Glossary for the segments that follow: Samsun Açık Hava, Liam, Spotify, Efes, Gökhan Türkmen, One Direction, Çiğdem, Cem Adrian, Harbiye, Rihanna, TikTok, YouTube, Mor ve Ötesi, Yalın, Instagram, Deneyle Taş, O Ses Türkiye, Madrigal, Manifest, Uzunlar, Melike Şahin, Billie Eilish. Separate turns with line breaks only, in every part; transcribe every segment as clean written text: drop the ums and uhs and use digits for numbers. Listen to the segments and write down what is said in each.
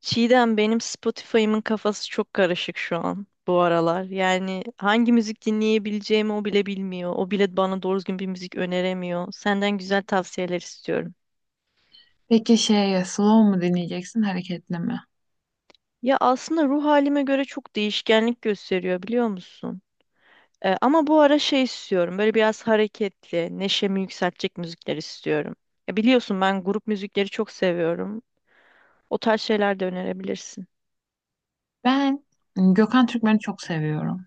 Çiğdem benim Spotify'ımın kafası çok karışık şu an bu aralar. Yani hangi müzik dinleyebileceğimi o bile bilmiyor. O bile bana doğru düzgün bir müzik öneremiyor. Senden güzel tavsiyeler istiyorum.
Peki slow mu dinleyeceksin, hareketli mi?
Ya aslında ruh halime göre çok değişkenlik gösteriyor biliyor musun? Ama bu ara şey istiyorum. Böyle biraz hareketli, neşemi yükseltecek müzikler istiyorum. Ya biliyorsun ben grup müzikleri çok seviyorum. O tarz şeyler de önerebilirsin.
Ben Gökhan Türkmen'i çok seviyorum.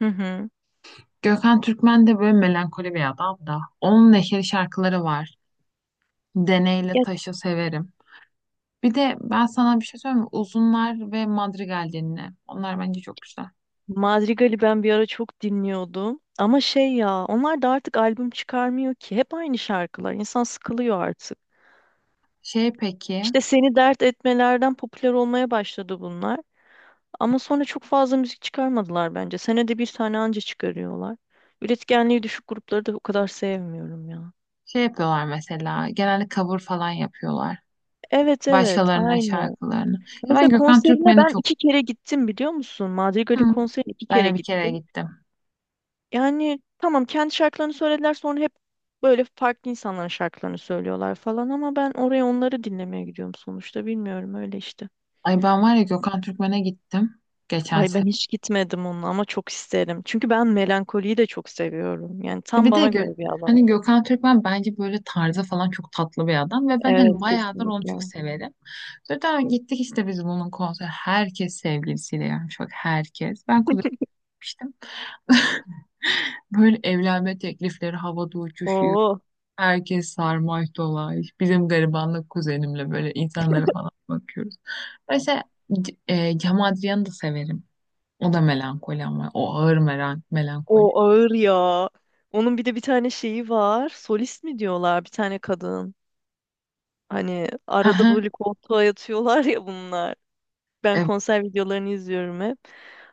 Hı hı.
Gökhan Türkmen de böyle melankoli bir adam da. Onun neşeli şarkıları var. Deneyle Taş'ı severim. Bir de ben sana bir şey söyleyeyim mi? Uzunlar ve Madrigal dinle. Onlar bence çok güzel.
Madrigal'i ben bir ara çok dinliyordum. Ama şey ya, onlar da artık albüm çıkarmıyor ki. Hep aynı şarkılar. İnsan sıkılıyor artık.
Şey peki,
İşte seni dert etmelerden popüler olmaya başladı bunlar. Ama sonra çok fazla müzik çıkarmadılar bence. Senede bir tane anca çıkarıyorlar. Üretkenliği düşük grupları da o kadar sevmiyorum ya.
şey yapıyorlar mesela. Genelde cover falan yapıyorlar.
Evet evet
Başkalarının
aynen.
şarkılarını. Ya ben
Mesela
Gökhan
konserine
Türkmen'i
ben
çok...
iki kere gittim biliyor musun?
Hı.
Madrigal'in konserine iki
Ben
kere
de bir kere
gittim.
gittim.
Yani tamam kendi şarkılarını söylediler sonra hep böyle farklı insanların şarkılarını söylüyorlar falan ama ben oraya onları dinlemeye gidiyorum sonuçta bilmiyorum öyle işte.
Ay ben var ya Gökhan Türkmen'e gittim geçen
Ay ben
sene.
hiç gitmedim onunla ama çok isterim. Çünkü ben melankoliyi de çok seviyorum. Yani tam
Bir de
bana
Gö-
göre bir alan.
hani Gökhan Türkmen bence böyle tarzı falan çok tatlı bir adam ve ben hani
Evet
bayağıdır onu
kesinlikle.
çok severim. Sonra gittik işte biz bunun konseri. Herkes sevgilisiyle, yani çok herkes. Ben kuzenmiştim. Böyle evlenme teklifleri havada uçuşuyor.
Oo,
Herkes sarmaş dolaş. Bizim garibanlık kuzenimle böyle insanlara falan bakıyoruz. Mesela Cem Adrian'ı da severim. O da melankoli, ama o ağır melankoli.
o ağır ya. Onun bir de bir tane şeyi var. Solist mi diyorlar bir tane kadın. Hani arada böyle koltuğa yatıyorlar ya bunlar. Ben konser videolarını izliyorum hep.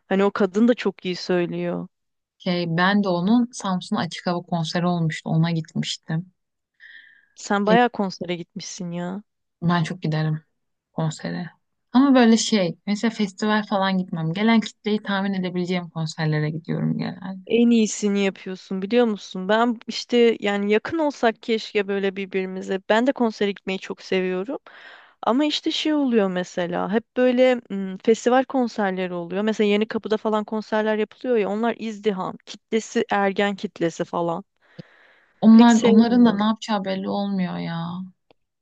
Hani o kadın da çok iyi söylüyor.
Ben de onun Samsun Açık Hava konseri olmuştu. Ona gitmiştim.
Sen
Şey,
bayağı konsere gitmişsin ya.
Ben çok giderim konsere. Ama böyle şey, mesela festival falan gitmem. Gelen kitleyi tahmin edebileceğim konserlere gidiyorum genelde.
En iyisini yapıyorsun biliyor musun? Ben işte yani yakın olsak keşke böyle birbirimize. Ben de konsere gitmeyi çok seviyorum. Ama işte şey oluyor mesela. Hep böyle festival konserleri oluyor. Mesela Yenikapı'da falan konserler yapılıyor ya. Onlar izdiham. Kitlesi ergen kitlesi falan. Pek
Onlar, onların da ne
sevmiyorum.
yapacağı belli olmuyor ya.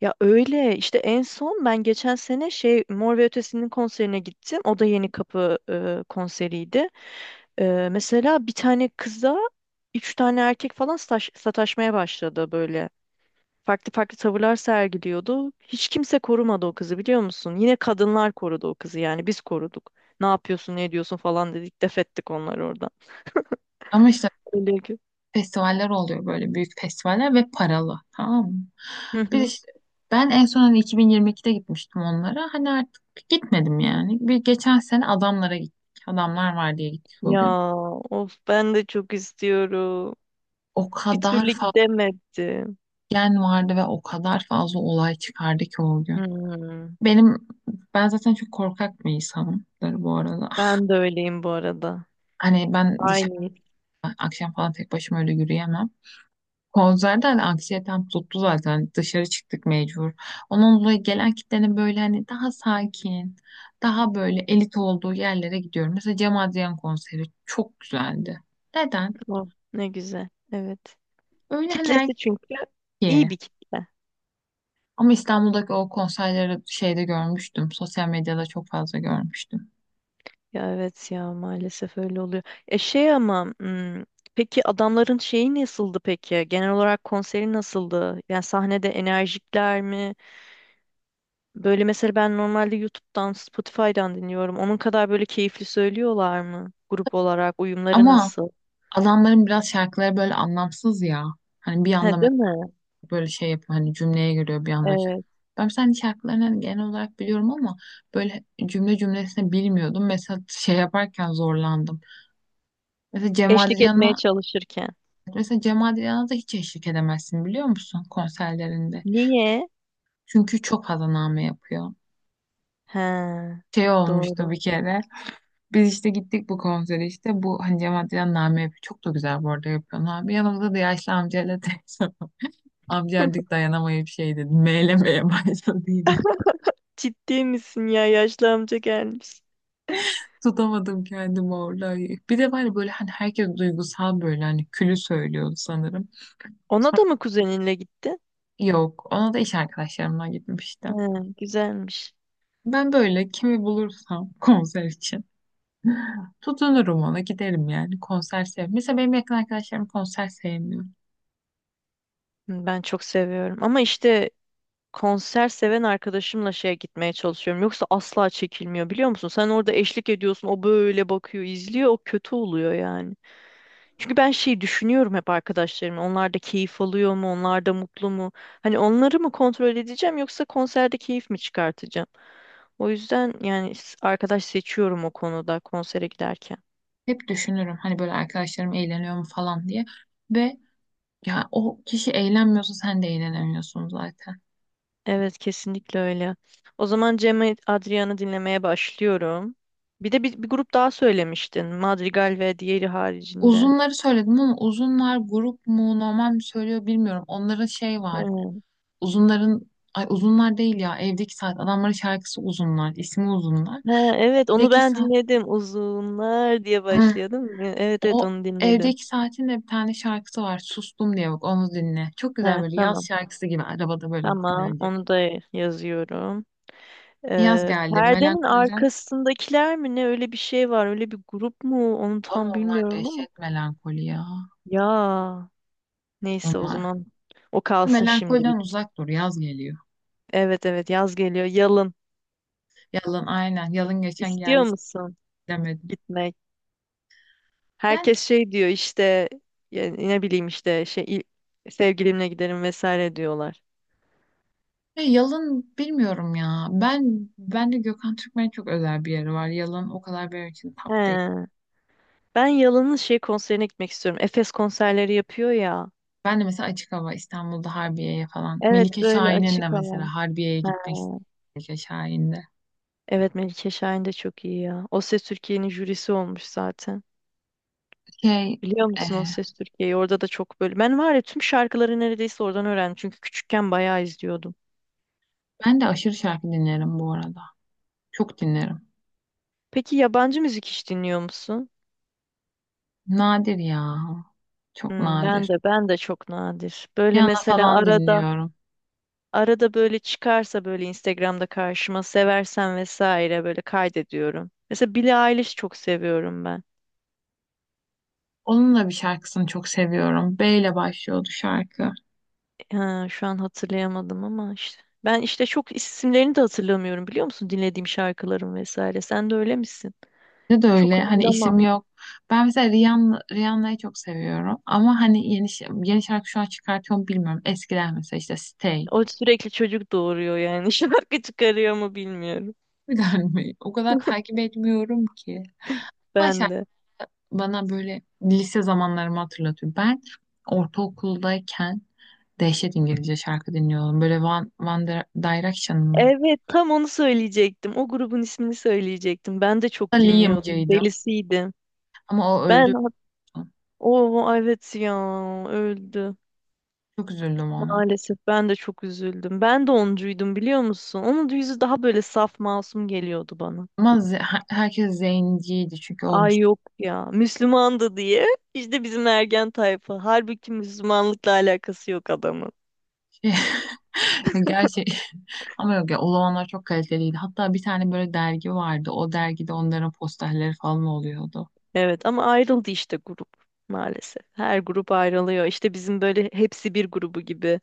Ya öyle işte en son ben geçen sene şey Mor ve Ötesi'nin konserine gittim. O da Yeni Kapı konseriydi. Mesela bir tane kıza üç tane erkek falan sataşmaya başladı böyle. Farklı farklı tavırlar sergiliyordu. Hiç kimse korumadı o kızı biliyor musun? Yine kadınlar korudu o kızı yani biz koruduk. Ne yapıyorsun ne ediyorsun falan dedik def ettik onları oradan.
Ama işte
Öyle ki.
festivaller oluyor, böyle büyük festivaller ve paralı. Tamam mı?
Hı
Bir
hı.
işte, ben en son hani 2022'de gitmiştim onlara. Hani artık gitmedim yani. Bir geçen sene adamlara gittik. Adamlar var diye gittik o
Ya
gün.
of ben de çok istiyorum.
O
Bir
kadar
türlü gidemedim.
gen vardı ve o kadar fazla olay çıkardı ki o gün.
Hmm.
Benim ben zaten çok korkak bir insanımdır bu arada.
Ben de öyleyim bu arada.
Hani ben dışarı
Aynı his
akşam falan tek başıma öyle yürüyemem. Konserde hani anksiyetem tuttu zaten. Dışarı çıktık mecbur. Onun dolayı gelen kitlenin böyle hani daha sakin, daha böyle elit olduğu yerlere gidiyorum. Mesela Cem Adrian konseri çok güzeldi. Neden?
o. Ne güzel. Evet.
Öyle hani
Kitlesi çünkü
erkeğe.
iyi bir kitle.
Ama İstanbul'daki o konserleri şeyde görmüştüm. Sosyal medyada çok fazla görmüştüm.
Ya evet ya maalesef öyle oluyor. E şey ama peki adamların şeyi nasıldı peki? Genel olarak konseri nasıldı? Yani sahnede enerjikler mi? Böyle mesela ben normalde YouTube'dan, Spotify'dan dinliyorum. Onun kadar böyle keyifli söylüyorlar mı? Grup olarak uyumları
Ama
nasıl?
adamların biraz şarkıları böyle anlamsız ya. Hani bir anda
He
mesela
değil mi?
böyle şey yapıyor, hani cümleye giriyor bir anda. Şa-
Evet.
Ben mesela hani şarkılarını hani genel olarak biliyorum ama böyle cümle cümlesine bilmiyordum. Mesela şey yaparken zorlandım. Mesela Cem
Eşlik
Adrian'a
etmeye çalışırken.
mesela Cem Adrian'a da hiç eşlik edemezsin biliyor musun konserlerinde.
Niye?
Çünkü çok fazla name yapıyor.
He.
Şey olmuştu
Doğru.
bir kere. Biz işte gittik bu konsere işte. Bu hani Cem Adrian name yapıyor. Çok da güzel bu arada yapıyor. Abi. Yanımızda da yaşlı amcayla teyze. Amca artık dayanamayıp şey dedi. Meylemeye başladı yine.
Ciddi misin ya? Yaşlı amca gelmiş.
Tutamadım kendimi orada. Bir de var ya böyle hani herkes duygusal, böyle hani külü söylüyordu sanırım.
Ona da mı kuzeninle gitti?
Yok. Ona da iş arkadaşlarımdan
He,
gitmiştim.
güzelmiş.
Ben böyle kimi bulursam konser için tutunurum, ona giderim, yani konser sev. Mesela benim yakın arkadaşlarım konser sevmiyor.
Hı, ben çok seviyorum. Ama işte konser seven arkadaşımla şeye gitmeye çalışıyorum. Yoksa asla çekilmiyor biliyor musun? Sen orada eşlik ediyorsun. O böyle bakıyor, izliyor. O kötü oluyor yani. Çünkü ben şeyi düşünüyorum hep arkadaşlarım. Onlar da keyif alıyor mu? Onlar da mutlu mu? Hani onları mı kontrol edeceğim yoksa konserde keyif mi çıkartacağım? O yüzden yani arkadaş seçiyorum o konuda konsere giderken.
Hep düşünürüm hani böyle arkadaşlarım eğleniyor mu falan diye. Ve ya o kişi eğlenmiyorsa sen de eğlenemiyorsun zaten.
Evet kesinlikle öyle. O zaman Cem Adrian'ı dinlemeye başlıyorum. Bir de bir grup daha söylemiştin. Madrigal ve diğeri haricinde.
Uzunları söyledim ama uzunlar grup mu, normal mi söylüyor bilmiyorum. Onların şey var.
Evet.
Uzunların ay uzunlar değil ya, evdeki saat adamların şarkısı, uzunlar İsmi uzunlar.
Ha, evet onu
Evdeki
ben
saat.
dinledim. Uzunlar diye
Hı.
başlıyordum. Evet evet
O
onu dinledim.
evdeki saatin de bir tane şarkısı var. Sustum diye, bak onu dinle. Çok güzel,
He,
böyle yaz
tamam.
şarkısı gibi, arabada böyle
Tamam
dinlenecek.
onu da yazıyorum.
Yaz geldi
Perdenin
melankoliden.
arkasındakiler mi ne öyle bir şey var öyle bir grup mu onu
Ama
tam
onlar
bilmiyorum ama
dehşet melankoli ya
ya neyse o
onlar.
zaman o kalsın
Melankoliden
şimdilik.
uzak dur, yaz geliyor.
Evet evet yaz geliyor yalın.
Yalın, aynen, yalın geçen
İstiyor
geldi
musun
demedim.
gitmek?
Yani.
Herkes şey diyor işte yani ne bileyim işte şey sevgilimle giderim vesaire diyorlar.
Ya Yalın bilmiyorum ya. Ben de Gökhan Türkmen'e çok özel bir yeri var. Yalın o kadar benim için top değil.
He. Ben Yalın'ın şey konserine gitmek istiyorum. Efes konserleri yapıyor ya.
Ben de mesela açık hava İstanbul'da Harbiye'ye falan.
Evet
Melike
böyle
Şahin'in de
açık alan.
mesela Harbiye'ye
He.
gitmek istiyorum. Melike Şahin'de.
Evet Melike Şahin de çok iyi ya. O Ses Türkiye'nin jürisi olmuş zaten.
Şey
Biliyor
e,
musun O Ses Türkiye'yi? Orada da çok böyle. Ben var ya tüm şarkıları neredeyse oradan öğrendim. Çünkü küçükken bayağı izliyordum.
ben de aşırı şarkı dinlerim bu arada. Çok dinlerim.
Peki yabancı müzik hiç dinliyor musun?
Nadir ya. Çok
Hmm, ben
nadir.
de ben de çok nadir. Böyle
Rihanna
mesela
falan
arada
dinliyorum.
arada böyle çıkarsa böyle Instagram'da karşıma seversen vesaire böyle kaydediyorum. Mesela Billie Eilish çok seviyorum ben.
Onun da bir şarkısını çok seviyorum. B ile başlıyordu şarkı.
Ha, şu an hatırlayamadım ama işte. Ben işte çok isimlerini de hatırlamıyorum biliyor musun? Dinlediğim şarkıların vesaire. Sen de öyle misin?
Bence de
Çok
öyle. Hani
hatırlamam.
işim yok. Ben mesela Rihanna'yı çok seviyorum. Ama hani yeni, ş- yeni şarkı şu an çıkartıyor mu bilmiyorum. Eskiden mesela işte Stay.
O sürekli çocuk doğuruyor yani. Şarkı çıkarıyor mu bilmiyorum.
Bilen mi? O kadar takip etmiyorum ki. Ama
Ben
şarkı
de.
bana böyle lise zamanlarımı hatırlatıyor. Ben ortaokuldayken dehşet İngilizce şarkı dinliyordum. Böyle Direction mı?
Evet, tam onu söyleyecektim. O grubun ismini söyleyecektim. Ben de çok dinliyordum.
Liam'cıydım.
Delisiydim.
Ama o
Ben
öldü.
o evet ya öldü.
Çok üzüldüm ona.
Maalesef ben de çok üzüldüm. Ben de oncuydum biliyor musun? Onun da yüzü daha böyle saf masum geliyordu bana.
Ama herkes zenciydi çünkü olmuş.
Ay yok ya Müslümandı diye. İşte bizim ergen tayfa. Halbuki Müslümanlıkla alakası yok adamın.
Gerçi. Ama yok ya, o zamanlar çok kaliteliydi. Hatta bir tane böyle dergi vardı. O dergide onların posterleri falan oluyordu.
Evet ama ayrıldı işte grup maalesef. Her grup ayrılıyor. İşte bizim böyle hepsi bir grubu gibi.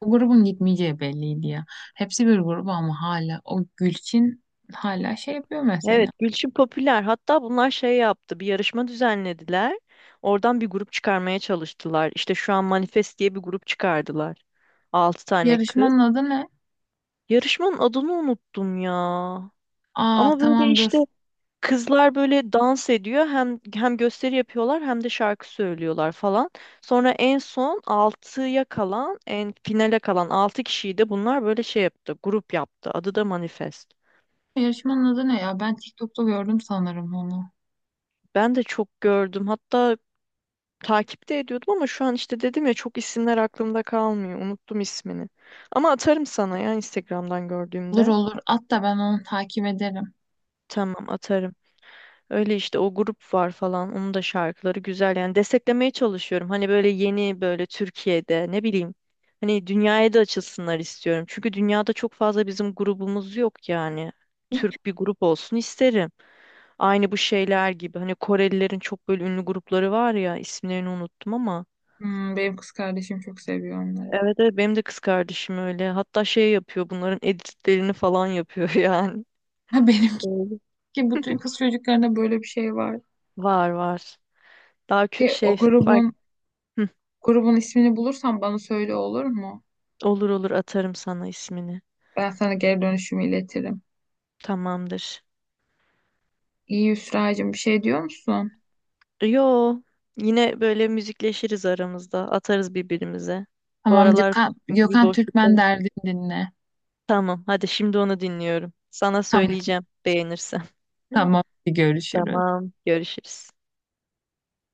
O grubun gitmeyeceği belliydi ya. Hepsi bir grup, ama hala o Gülçin hala şey yapıyor mesela.
Evet, Gülçin popüler. Hatta bunlar şey yaptı, bir yarışma düzenlediler. Oradan bir grup çıkarmaya çalıştılar. İşte şu an Manifest diye bir grup çıkardılar. Altı tane kız.
Yarışmanın adı ne?
Yarışmanın adını unuttum ya.
Aa
Ama böyle
tamam dur.
işte kızlar böyle dans ediyor. Hem gösteri yapıyorlar hem de şarkı söylüyorlar falan. Sonra en son altıya kalan, en finale kalan altı kişiyi de bunlar böyle şey yaptı, grup yaptı. Adı da Manifest.
Yarışmanın adı ne ya? Ben TikTok'ta gördüm sanırım onu.
Ben de çok gördüm. Hatta takipte ediyordum ama şu an işte dedim ya çok isimler aklımda kalmıyor. Unuttum ismini. Ama atarım sana ya Instagram'dan
Olur
gördüğümde.
olur. Hatta ben onu takip ederim.
Tamam atarım. Öyle işte o grup var falan. Onun da şarkıları güzel. Yani desteklemeye çalışıyorum. Hani böyle yeni böyle Türkiye'de ne bileyim. Hani dünyaya da açılsınlar istiyorum. Çünkü dünyada çok fazla bizim grubumuz yok yani.
Hiç-
Türk bir grup olsun isterim. Aynı bu şeyler gibi. Hani Korelilerin çok böyle ünlü grupları var ya. İsimlerini unuttum ama.
Hmm, benim kız kardeşim çok seviyor onları.
Evet, evet benim de kız kardeşim öyle. Hatta şey yapıyor bunların editlerini falan yapıyor yani.
Ha benimki
Öyle.
ki bütün kız çocuklarında böyle bir şey var.
Var var.
Şey, o
Şey bak.
grubun
Hı,
Grubun ismini bulursan bana söyle, olur mu?
olur olur atarım sana ismini.
Ben sana geri dönüşümü iletirim.
Tamamdır.
İyi Hüsra'cığım, bir şey diyor musun?
Yo yine böyle müzikleşiriz aramızda. Atarız birbirimize. Bu
Tamam
aralar çünkü bir
Gökhan Türkmen
boşluktayım.
derdini dinle.
Tamam hadi şimdi onu dinliyorum. Sana
Tamam,
söyleyeceğim beğenirsen.
tamam. Görüşürüz.
Tamam görüşürüz.